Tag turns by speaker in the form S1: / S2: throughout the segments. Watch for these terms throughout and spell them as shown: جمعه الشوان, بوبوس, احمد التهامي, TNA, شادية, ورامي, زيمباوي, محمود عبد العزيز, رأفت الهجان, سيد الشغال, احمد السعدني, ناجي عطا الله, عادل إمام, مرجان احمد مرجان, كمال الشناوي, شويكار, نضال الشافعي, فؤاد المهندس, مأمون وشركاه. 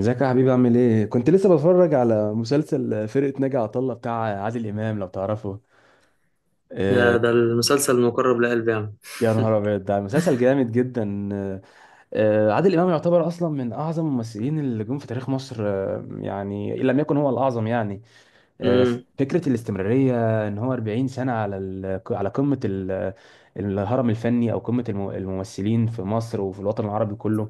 S1: ازيك يا حبيبي، عامل ايه؟ كنت لسه بتفرج على مسلسل فرقة ناجي عطا الله بتاع عادل إمام، لو تعرفه.
S2: يا
S1: آه،
S2: ده المسلسل المقرب لقلبي يعني.
S1: يا نهار أبيض، ده مسلسل جامد جدا. عادل إمام يعتبر أصلا من أعظم الممثلين اللي جم في تاريخ مصر، يعني إن لم يكن هو الأعظم يعني. آه،
S2: امم.
S1: فكرة الاستمرارية إن هو 40 سنة على قمة الهرم الفني، أو قمة الممثلين في مصر وفي الوطن العربي كله.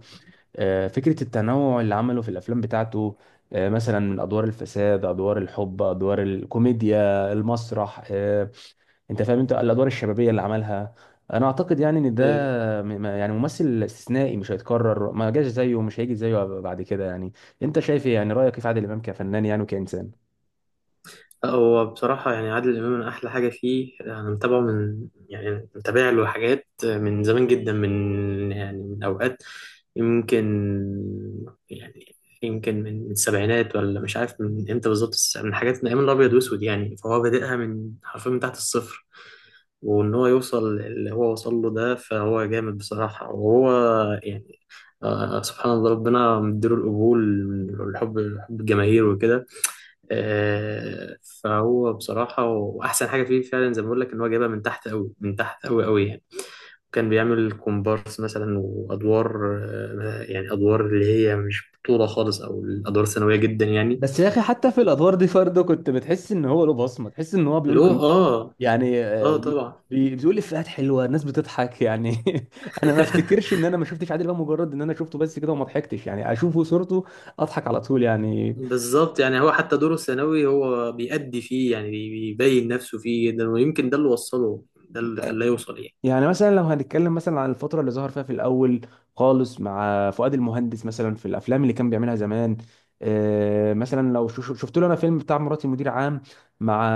S1: فكرة التنوع اللي عمله في الأفلام بتاعته، مثلا من أدوار الفساد، أدوار الحب، أدوار الكوميديا، المسرح. أنت فاهم، أنت الأدوار الشبابية اللي عملها. أنا أعتقد يعني إن ده
S2: ايوه.
S1: يعني ممثل استثنائي مش هيتكرر، ما جاش زيه ومش هيجي زيه بعد كده يعني. أنت شايف إيه؟ يعني رأيك إيه في عادل إمام كفنان يعني وكإنسان؟
S2: لا، هو بصراحة يعني عادل إمام من أحلى حاجة فيه، أنا متابعه من يعني متابع له حاجات من زمان جدا، من أوقات يمكن يعني يمكن من السبعينات، ولا مش عارف من إمتى بالظبط، بس من حاجات من أيام الأبيض وأسود يعني. فهو بادئها حرفيا من تحت الصفر، وان هو يوصل اللي هو وصل له ده، فهو جامد بصراحة. وهو يعني سبحان الله ربنا مديله القبول والحب، حب الجماهير وكده. آه فهو بصراحة، وأحسن حاجة فيه فعلا زي ما بقول لك، إن هو جايبها من تحت أوي، من تحت أوي أوي يعني. كان بيعمل كومبارس مثلا وأدوار، آه يعني أدوار اللي هي مش بطولة خالص، أو الأدوار ثانوية جدا يعني.
S1: بس يا اخي، حتى في الادوار دي برضه كنت بتحس ان هو له بصمه، تحس ان هو
S2: اللي هو.
S1: بيقول
S2: آه
S1: يعني،
S2: آه طبعا.
S1: بتقول افيهات حلوه، الناس بتضحك يعني. انا ما افتكرش ان انا ما شفتش عادل امام، مجرد ان انا شفته بس كده وما ضحكتش، يعني اشوفه صورته اضحك على طول يعني.
S2: بالظبط. يعني هو حتى دوره الثانوي هو بيأدي فيه يعني، بيبين نفسه فيه جدا، ويمكن ده اللي وصله، ده اللي خلاه يوصل يعني.
S1: يعني مثلا لو هنتكلم مثلا عن الفتره اللي ظهر فيها في الاول خالص مع فؤاد المهندس، مثلا في الافلام اللي كان بيعملها زمان. مثلا لو شفت له انا فيلم بتاع مراتي مدير عام، مع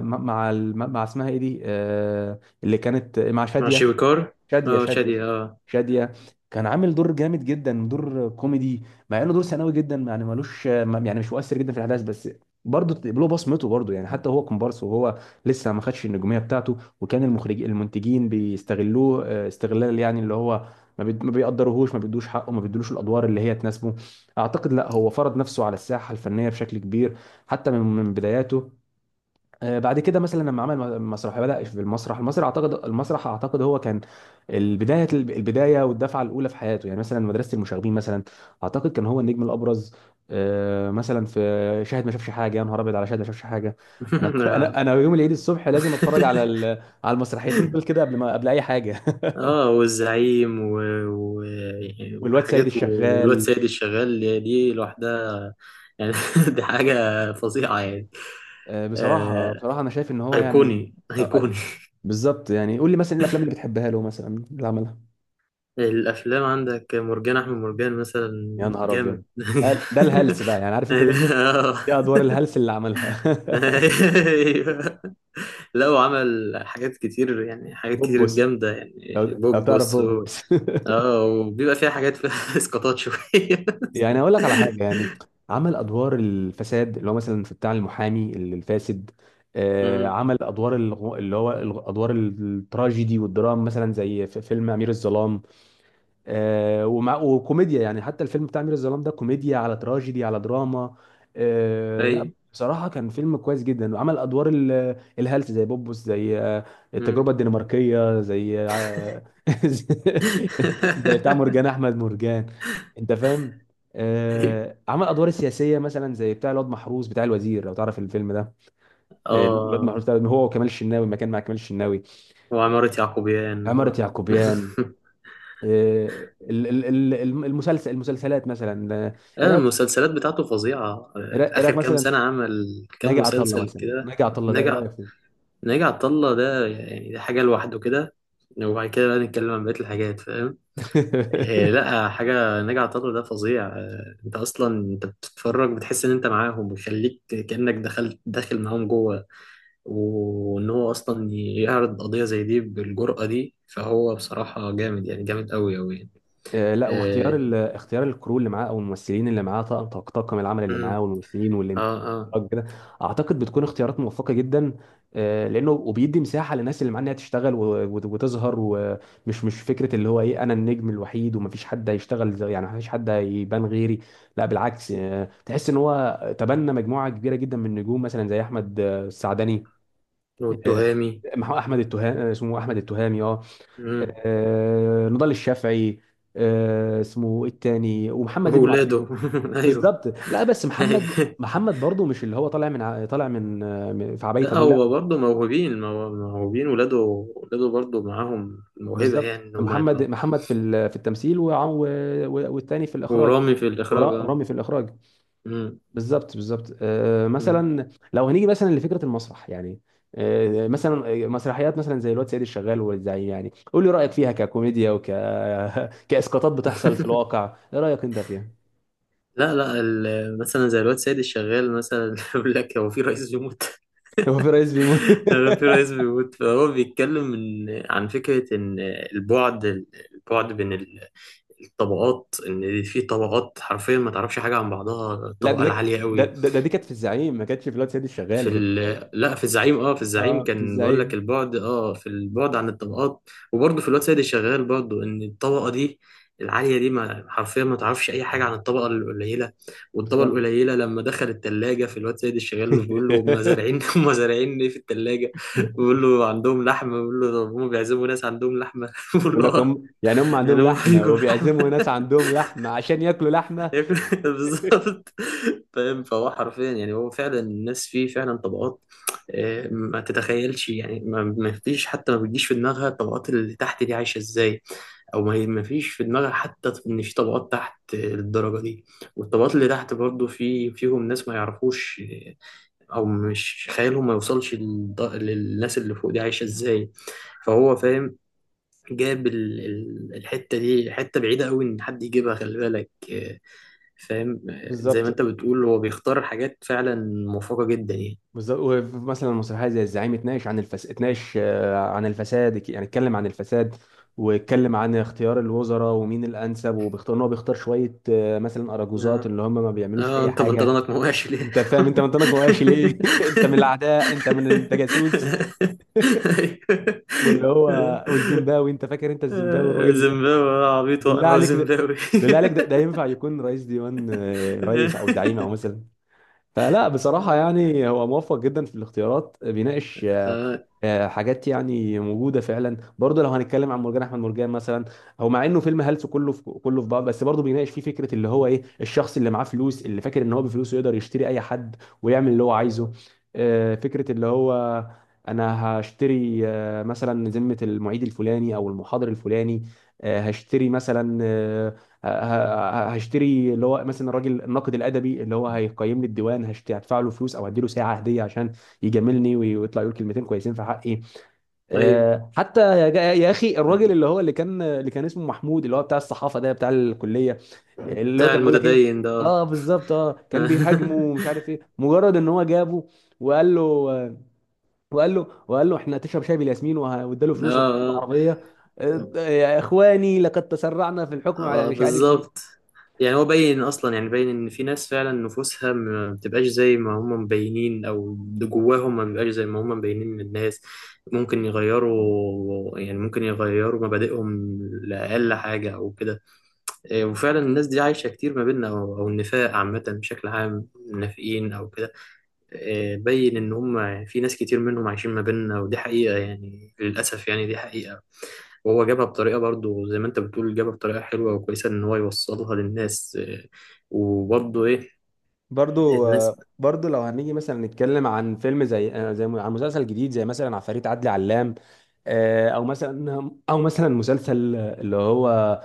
S1: مع مع مع اسمها ايه دي، اللي كانت مع
S2: مع
S1: شاديه،
S2: شويكار.
S1: شادية
S2: اه
S1: شادية
S2: شادي اه.
S1: شادية. كان عامل دور جامد جدا، دور كوميدي، مع انه دور ثانوي جدا يعني، ملوش يعني، مش مؤثر جدا في الاحداث، بس برضه له بصمته برضه يعني. حتى هو كومبارس، وهو لسه ما خدش النجوميه بتاعته، وكان المخرج، المنتجين بيستغلوه استغلال يعني، اللي هو ما بيقدروهوش، ما بيدوش حقه، ما بيدوش الادوار اللي هي تناسبه. اعتقد لا، هو فرض نفسه على الساحه الفنيه بشكل كبير حتى من بداياته. بعد كده مثلا لما عمل مسرح، بدأ في المسرح. اعتقد هو كان البدايه، والدفعه الاولى في حياته، يعني مثلا مدرسه المشاغبين مثلا. اعتقد كان هو النجم الابرز. مثلا في شاهد ما شافش حاجه، يا نهار ابيض على شاهد ما شافش حاجه. انا
S2: اه.
S1: انا يوم العيد الصبح لازم اتفرج على المسرحيتين دول كده قبل ما، قبل اي حاجه.
S2: آه، والزعيم و...
S1: والواد سيد
S2: وحاجات والواد
S1: الشغال.
S2: سيد الشغال، دي لوحدها يعني. دي حاجة فظيعة يعني.
S1: بصراحه،
S2: آه...
S1: انا شايف ان هو يعني،
S2: أيقوني
S1: آه، آه،
S2: أيقوني.
S1: بالظبط يعني. قول لي مثلا ايه الافلام اللي بتحبها له، مثلا اللي عملها.
S2: الافلام عندك مرجان احمد مرجان مثلا،
S1: يا نهار
S2: جامد.
S1: ابيض، ده الهلس بقى، يعني عارف انت
S2: يعني-
S1: ده،
S2: آه.
S1: دي ادوار الهلس اللي عملها.
S2: أيوة. لا، وعمل حاجات كتير يعني، حاجات كتير
S1: بوبوس،
S2: جامده يعني،
S1: لو تعرف
S2: بوبوس
S1: بوبوس.
S2: اه. وبيبقى فيها حاجات فيها اسقاطات شويه.
S1: يعني اقول لك على حاجه يعني، عمل ادوار الفساد اللي هو مثلا في بتاع المحامي الفاسد.
S2: امم.
S1: عمل ادوار الغ- اللي هو الغ- ادوار التراجيدي والدراما، مثلا زي في فيلم امير الظلام. آه، ومع وكوميديا يعني، حتى الفيلم بتاع أمير الظلام ده كوميديا على تراجيدي على دراما. لا
S2: ايوه.
S1: بصراحة كان فيلم كويس جدا. وعمل أدوار الهلس، زي بوبوس، زي التجربة
S2: امم.
S1: الدنماركية، زي زي بتاع مرجان أحمد مرجان، أنت فاهم.
S2: ايوه.
S1: عمل أدوار السياسية مثلا، زي بتاع الواد محروس، بتاع الوزير، لو تعرف الفيلم ده. الواد
S2: اه.
S1: محروس ده هو وكمال الشناوي، ما كان مع كمال الشناوي.
S2: وعمارة يعقوبيان.
S1: عمارة يعقوبيان. المسلسلات مثلا. ايه
S2: آه،
S1: رايك،
S2: المسلسلات بتاعته فظيعة، آه،
S1: إيه
S2: آخر
S1: رأيك
S2: كام
S1: مثلا؟
S2: سنة عمل
S1: ناجي
S2: كام
S1: عطا الله،
S2: مسلسل
S1: مثلا
S2: كده.
S1: ناجي عطا الله ده ايه
S2: نجح.
S1: رايك
S2: ناجي عطا الله ده يعني ده حاجة لوحده كده، وبعد كده بقى نتكلم عن بقية الحاجات، فاهم؟ إيه،
S1: فيه؟
S2: لا، حاجة ناجي عطا الله ده فظيع، آه، انت اصلا انت بتتفرج بتحس ان انت معاهم، ويخليك كأنك دخلت داخل معاهم جوه. وان هو اصلا يعرض قضية زي دي بالجرأة دي، فهو بصراحة جامد يعني، جامد قوي قوي يعني.
S1: لا، واختيار
S2: اه.
S1: اختيار الكرو اللي معاه او الممثلين اللي معاه، طاقم، طاقم العمل اللي معاه،
S2: أمم.
S1: والممثلين
S2: اه. آه.
S1: والانتاج كده، اعتقد بتكون اختيارات موفقه جدا. لانه وبيدي مساحه للناس اللي معاه انها تشتغل وتظهر، ومش مش فكره اللي هو ايه، انا النجم الوحيد ومفيش حد هيشتغل يعني مفيش حد هيبان غيري. لا بالعكس، تحس ان هو تبنى مجموعه كبيره جدا من النجوم، مثلا زي احمد السعدني. آه،
S2: والتهامي.
S1: احمد التهامي، اسمه احمد التهامي، اه.
S2: أمم.
S1: نضال الشافعي. اسمه إيه التاني؟ ومحمد ابنه على
S2: وولاده.
S1: فكره.
S2: ايوه.
S1: بالظبط، لا بس محمد برضه، مش اللي هو طالع من ع- طالع من آه، من- في عباية
S2: لا،
S1: ابوه، لا.
S2: هو برضه موهوبين، موهوبين ولاده، ولاده برضه معاهم موهبة
S1: بالظبط،
S2: يعني، إن هما يطلعوا.
S1: محمد في في التمثيل، والتاني في الاخراج.
S2: ورامي في الإخراج أه.
S1: ورامي في الاخراج.
S2: مم.
S1: بالظبط بالظبط.
S2: مم.
S1: مثلا لو هنيجي مثلا لفكره المسرح يعني. مثلا مسرحيات مثلا زي الواد سيد الشغال والزعيم، يعني قول لي رايك فيها ككوميديا، وك كاسقاطات بتحصل في الواقع. ايه رايك انت فيها؟
S2: لا لا، مثلا زي الواد سيد الشغال مثلا. يقول لك هو في رئيس بيموت.
S1: هو في رئيس بيموت؟
S2: هو في رئيس بيموت، فهو بيتكلم عن فكرة إن البعد، البعد بين ال- الطبقات، إن في طبقات حرفيا ما تعرفش حاجة عن بعضها،
S1: لا،
S2: الطبقة العالية قوي.
S1: ده دي كانت في الزعيم، ما كانتش في الواد سيد الشغال، ده كانت في الزعيم.
S2: لا، في الزعيم
S1: اه، في
S2: كان بقول لك
S1: الزعيم.
S2: البعد، اه في البعد عن الطبقات. وبرضه في الواد سيد الشغال برضه، ان الطبقه دي العاليه دي ما حرفيا، ما تعرفش اي حاجه عن الطبقه القليله. والطبقه
S1: بالظبط.
S2: القليله لما دخل التلاجة في الواد سيد الشغال، بيقول له هم زارعين هم زارعين ايه في التلاجة. بيقول له عندهم لحمه. بيقول له طب هم بيعزموا ناس عندهم لحمه بيقول
S1: بيقول
S2: له
S1: لك،
S2: اه.
S1: هم يعني هم عندهم
S2: يعني هم
S1: لحمه
S2: بيجوا لحمه
S1: وبيعزموا ناس عندهم لحمه عشان ياكلوا لحمه.
S2: ياكل. بالظبط. فاهم؟ فهو حرفيا يعني، هو فعلا الناس فيه فعلا طبقات. آه، ما تتخيلش يعني، ما فيش حتى، ما بتجيش في دماغها الطبقات اللي تحت دي عايشة ازاي. او ما هي ما فيش في دماغها حتى ان في طبقات تحت الدرجة دي. والطبقات اللي تحت برضو في فيهم ناس ما يعرفوش، آه، او مش خيالهم ما يوصلش للناس اللي فوق دي عايشة ازاي. فهو فاهم، جاب الحتة دي، حتة بعيدة قوي ان حد يجيبها، خلي بالك. آه، فاهم؟ زي ما
S1: بالظبط
S2: انت بتقول، هو بيختار حاجات فعلا موفقة جدا يعني.
S1: بالظبط. ومثلا المسرحيه زي الزعيم اتناقش عن الفساد، يعني اتكلم عن الفساد، واتكلم عن اختيار الوزراء ومين الانسب، وبيختار ان هو بيختار شويه، مثلا اراجوزات
S2: اه.
S1: اللي هم ما بيعملوش
S2: آه
S1: اي
S2: انت
S1: حاجه.
S2: بنطلونك مواشي ليه؟
S1: انت فاهم، انت منطقك مقاشي ليه؟ انت من الاعداء، انت من، انت جاسوس. واللي هو، والزيمباوي، انت فاكر انت الزيمباوي الراجل
S2: آه،
S1: اللي كان؟
S2: زيمباوي، آه، عبيط
S1: بالله
S2: واقرع
S1: عليك،
S2: وزيمباوي.
S1: ده ينفع يكون رئيس ديوان، رئيس او زعيم او مثلا؟ فلا بصراحة يعني، هو موفق جدا في الاختيارات، بيناقش
S2: آه،
S1: حاجات يعني موجودة فعلا. برضه لو هنتكلم عن مرجان أحمد مرجان مثلا، هو مع إنه فيلم هلس كله في كله في بعض، بس برضه بيناقش فيه فكرة اللي هو إيه، الشخص اللي معاه فلوس اللي فاكر إن هو بفلوسه يقدر يشتري أي حد ويعمل اللي هو عايزه. فكرة اللي هو، أنا هشتري مثلا ذمة المعيد الفلاني أو المحاضر الفلاني. آه، هشتري مثلا آه، ه- ه- هشتري اللي هو مثلا الراجل الناقد الادبي اللي هو هيقيم لي الديوان، هدفع له فلوس او هديله ساعه هديه عشان يجاملني ويطلع يقول كلمتين كويسين في حقي.
S2: ايوه.
S1: حتى يا يا اخي، الراجل اللي كان اسمه محمود، اللي هو بتاع الصحافه ده بتاع الكليه، اللي هو
S2: بتاع
S1: كان بيقول لك ايه؟
S2: المتدين ده، اه.
S1: اه بالظبط، اه كان بيهاجمه ومش عارف ايه، مجرد ان هو جابه وقال له وقال له احنا تشرب شاي بالياسمين، واداله فلوس
S2: اه
S1: وعربيه. يا اخواني لقد تسرعنا في الحكم على
S2: اه، آه،
S1: مش عارف مين.
S2: بالظبط. يعني هو باين اصلا، يعني باين ان في ناس فعلا نفوسها ما بتبقاش زي ما هم مبينين، او اللي جواهم ما بيبقاش زي ما هم مبينين للناس. ممكن يغيروا مبادئهم لاقل حاجه او كده. إيه، وفعلا الناس دي عايشه كتير ما بيننا، او النفاق عامه بشكل عام، نافقين او كده. آه، بين ان هم في ناس كتير منهم عايشين ما بيننا، ودي حقيقة يعني، للأسف يعني، دي حقيقة. وهو جابها بطريقة برضو، زي ما انت بتقول، جابها بطريقة حلوة وكويسة ان هو يوصلها للناس. آه، وبرضو ايه
S1: برضو،
S2: الناس،
S1: لو هنيجي مثلا نتكلم عن فيلم زي، عن مسلسل جديد، زي مثلا عفاريت عدلي علام. او مثلا مسلسل اللي هو، آه،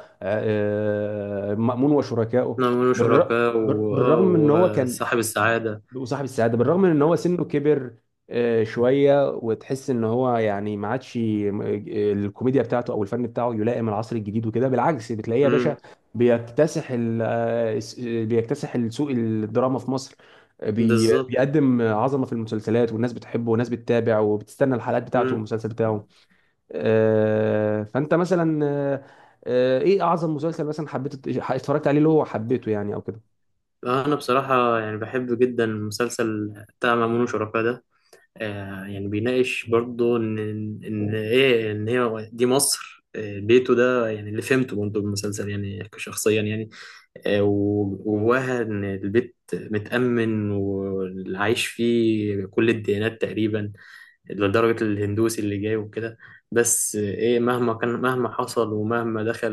S1: آه، مأمون وشركائه.
S2: نعملوا
S1: بالر-
S2: شركاء، واه،
S1: بالرغم من ان هو كان،
S2: وصاحب السعادة.
S1: وصاحب السعاده، بالرغم من ان هو سنه كبر شويه، وتحس ان هو يعني ما عادش الكوميديا بتاعته او الفن بتاعه يلائم العصر الجديد وكده. بالعكس بتلاقيه يا باشا
S2: امم.
S1: بيكتسح بيكتسح السوق، الدراما في مصر.
S2: بالظبط.
S1: بيقدم عظمه في المسلسلات، والناس بتحبه، والناس بتتابع وبتستنى الحلقات بتاعته
S2: امم.
S1: والمسلسل بتاعه. آه، فانت مثلا آه، آه، ايه اعظم مسلسل مثلا حبيت اتفرجت عليه، اللي هو حبيته يعني او كده؟
S2: انا بصراحة يعني بحب جدا مسلسل بتاع مأمون وشركاه ده. آه، يعني بيناقش برضه ان هي دي مصر، آه، بيته ده يعني، اللي فهمته برضه بالمسلسل يعني شخصيا يعني. آه، وجواها ان البيت متأمن، واللي عايش فيه كل الديانات تقريبا، لدرجة الهندوسي اللي جاي وكده. بس آه، ايه، مهما كان، مهما حصل، ومهما دخل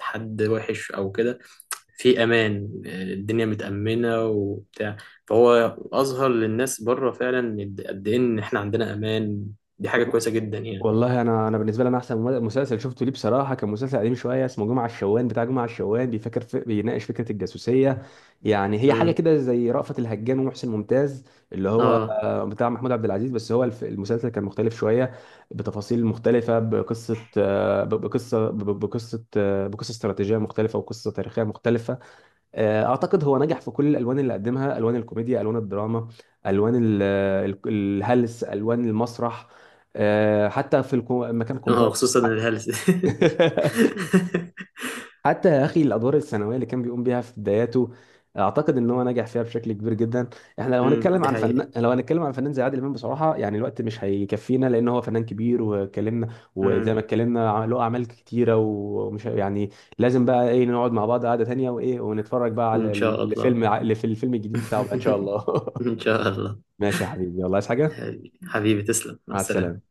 S2: حد وحش او كده، في امان، الدنيا متامنه وبتاع. فهو اظهر للناس بره فعلا، إن قد ايه ان احنا عندنا امان. دي حاجه كويسه جدا يعني.
S1: والله انا، انا بالنسبه لي انا احسن مسلسل شفته ليه بصراحه كان مسلسل قديم شويه، اسمه جمعه الشوان، بتاع جمعه الشوان، بيفكر في بيناقش فكره الجاسوسيه. يعني هي حاجه
S2: امم.
S1: كده زي رأفت الهجان ومحسن ممتاز، اللي هو
S2: اه،
S1: بتاع محمود عبد العزيز، بس هو المسلسل كان مختلف شويه بتفاصيل مختلفه، بقصه آه، ب- بقصه ب- ب- بقصه آه، بقصه استراتيجيه مختلفه وقصه تاريخيه مختلفه. اعتقد هو نجح في كل الالوان اللي قدمها، الوان الكوميديا، الوان الدراما، الوان الهلس، الوان المسرح. حتى في مكان
S2: اه،
S1: كومبارس.
S2: خصوصا الهلس.
S1: حتى يا اخي الادوار الثانويه اللي كان بيقوم بيها في بداياته، اعتقد ان هو نجح فيها بشكل كبير جدا. احنا لو
S2: امم.
S1: هنتكلم
S2: دي
S1: عن
S2: حقيقه.
S1: فنان، زي عادل امام، بصراحه يعني الوقت مش هيكفينا، لان هو فنان كبير واتكلمنا، وزي
S2: امم.
S1: ما اتكلمنا له اعمال كتيره، ومش يعني لازم بقى ايه، نقعد مع بعض قعده تانيه وايه، ونتفرج بقى على
S2: ان شاء الله.
S1: الفيلم اللي في الفيلم الجديد بتاعه بقى ان شاء الله.
S2: ان شاء الله.
S1: ماشي يا حبيبي، يلا، عايز حاجه؟
S2: حبيبي تسلم، مع
S1: مع السلامه.
S2: السلامه.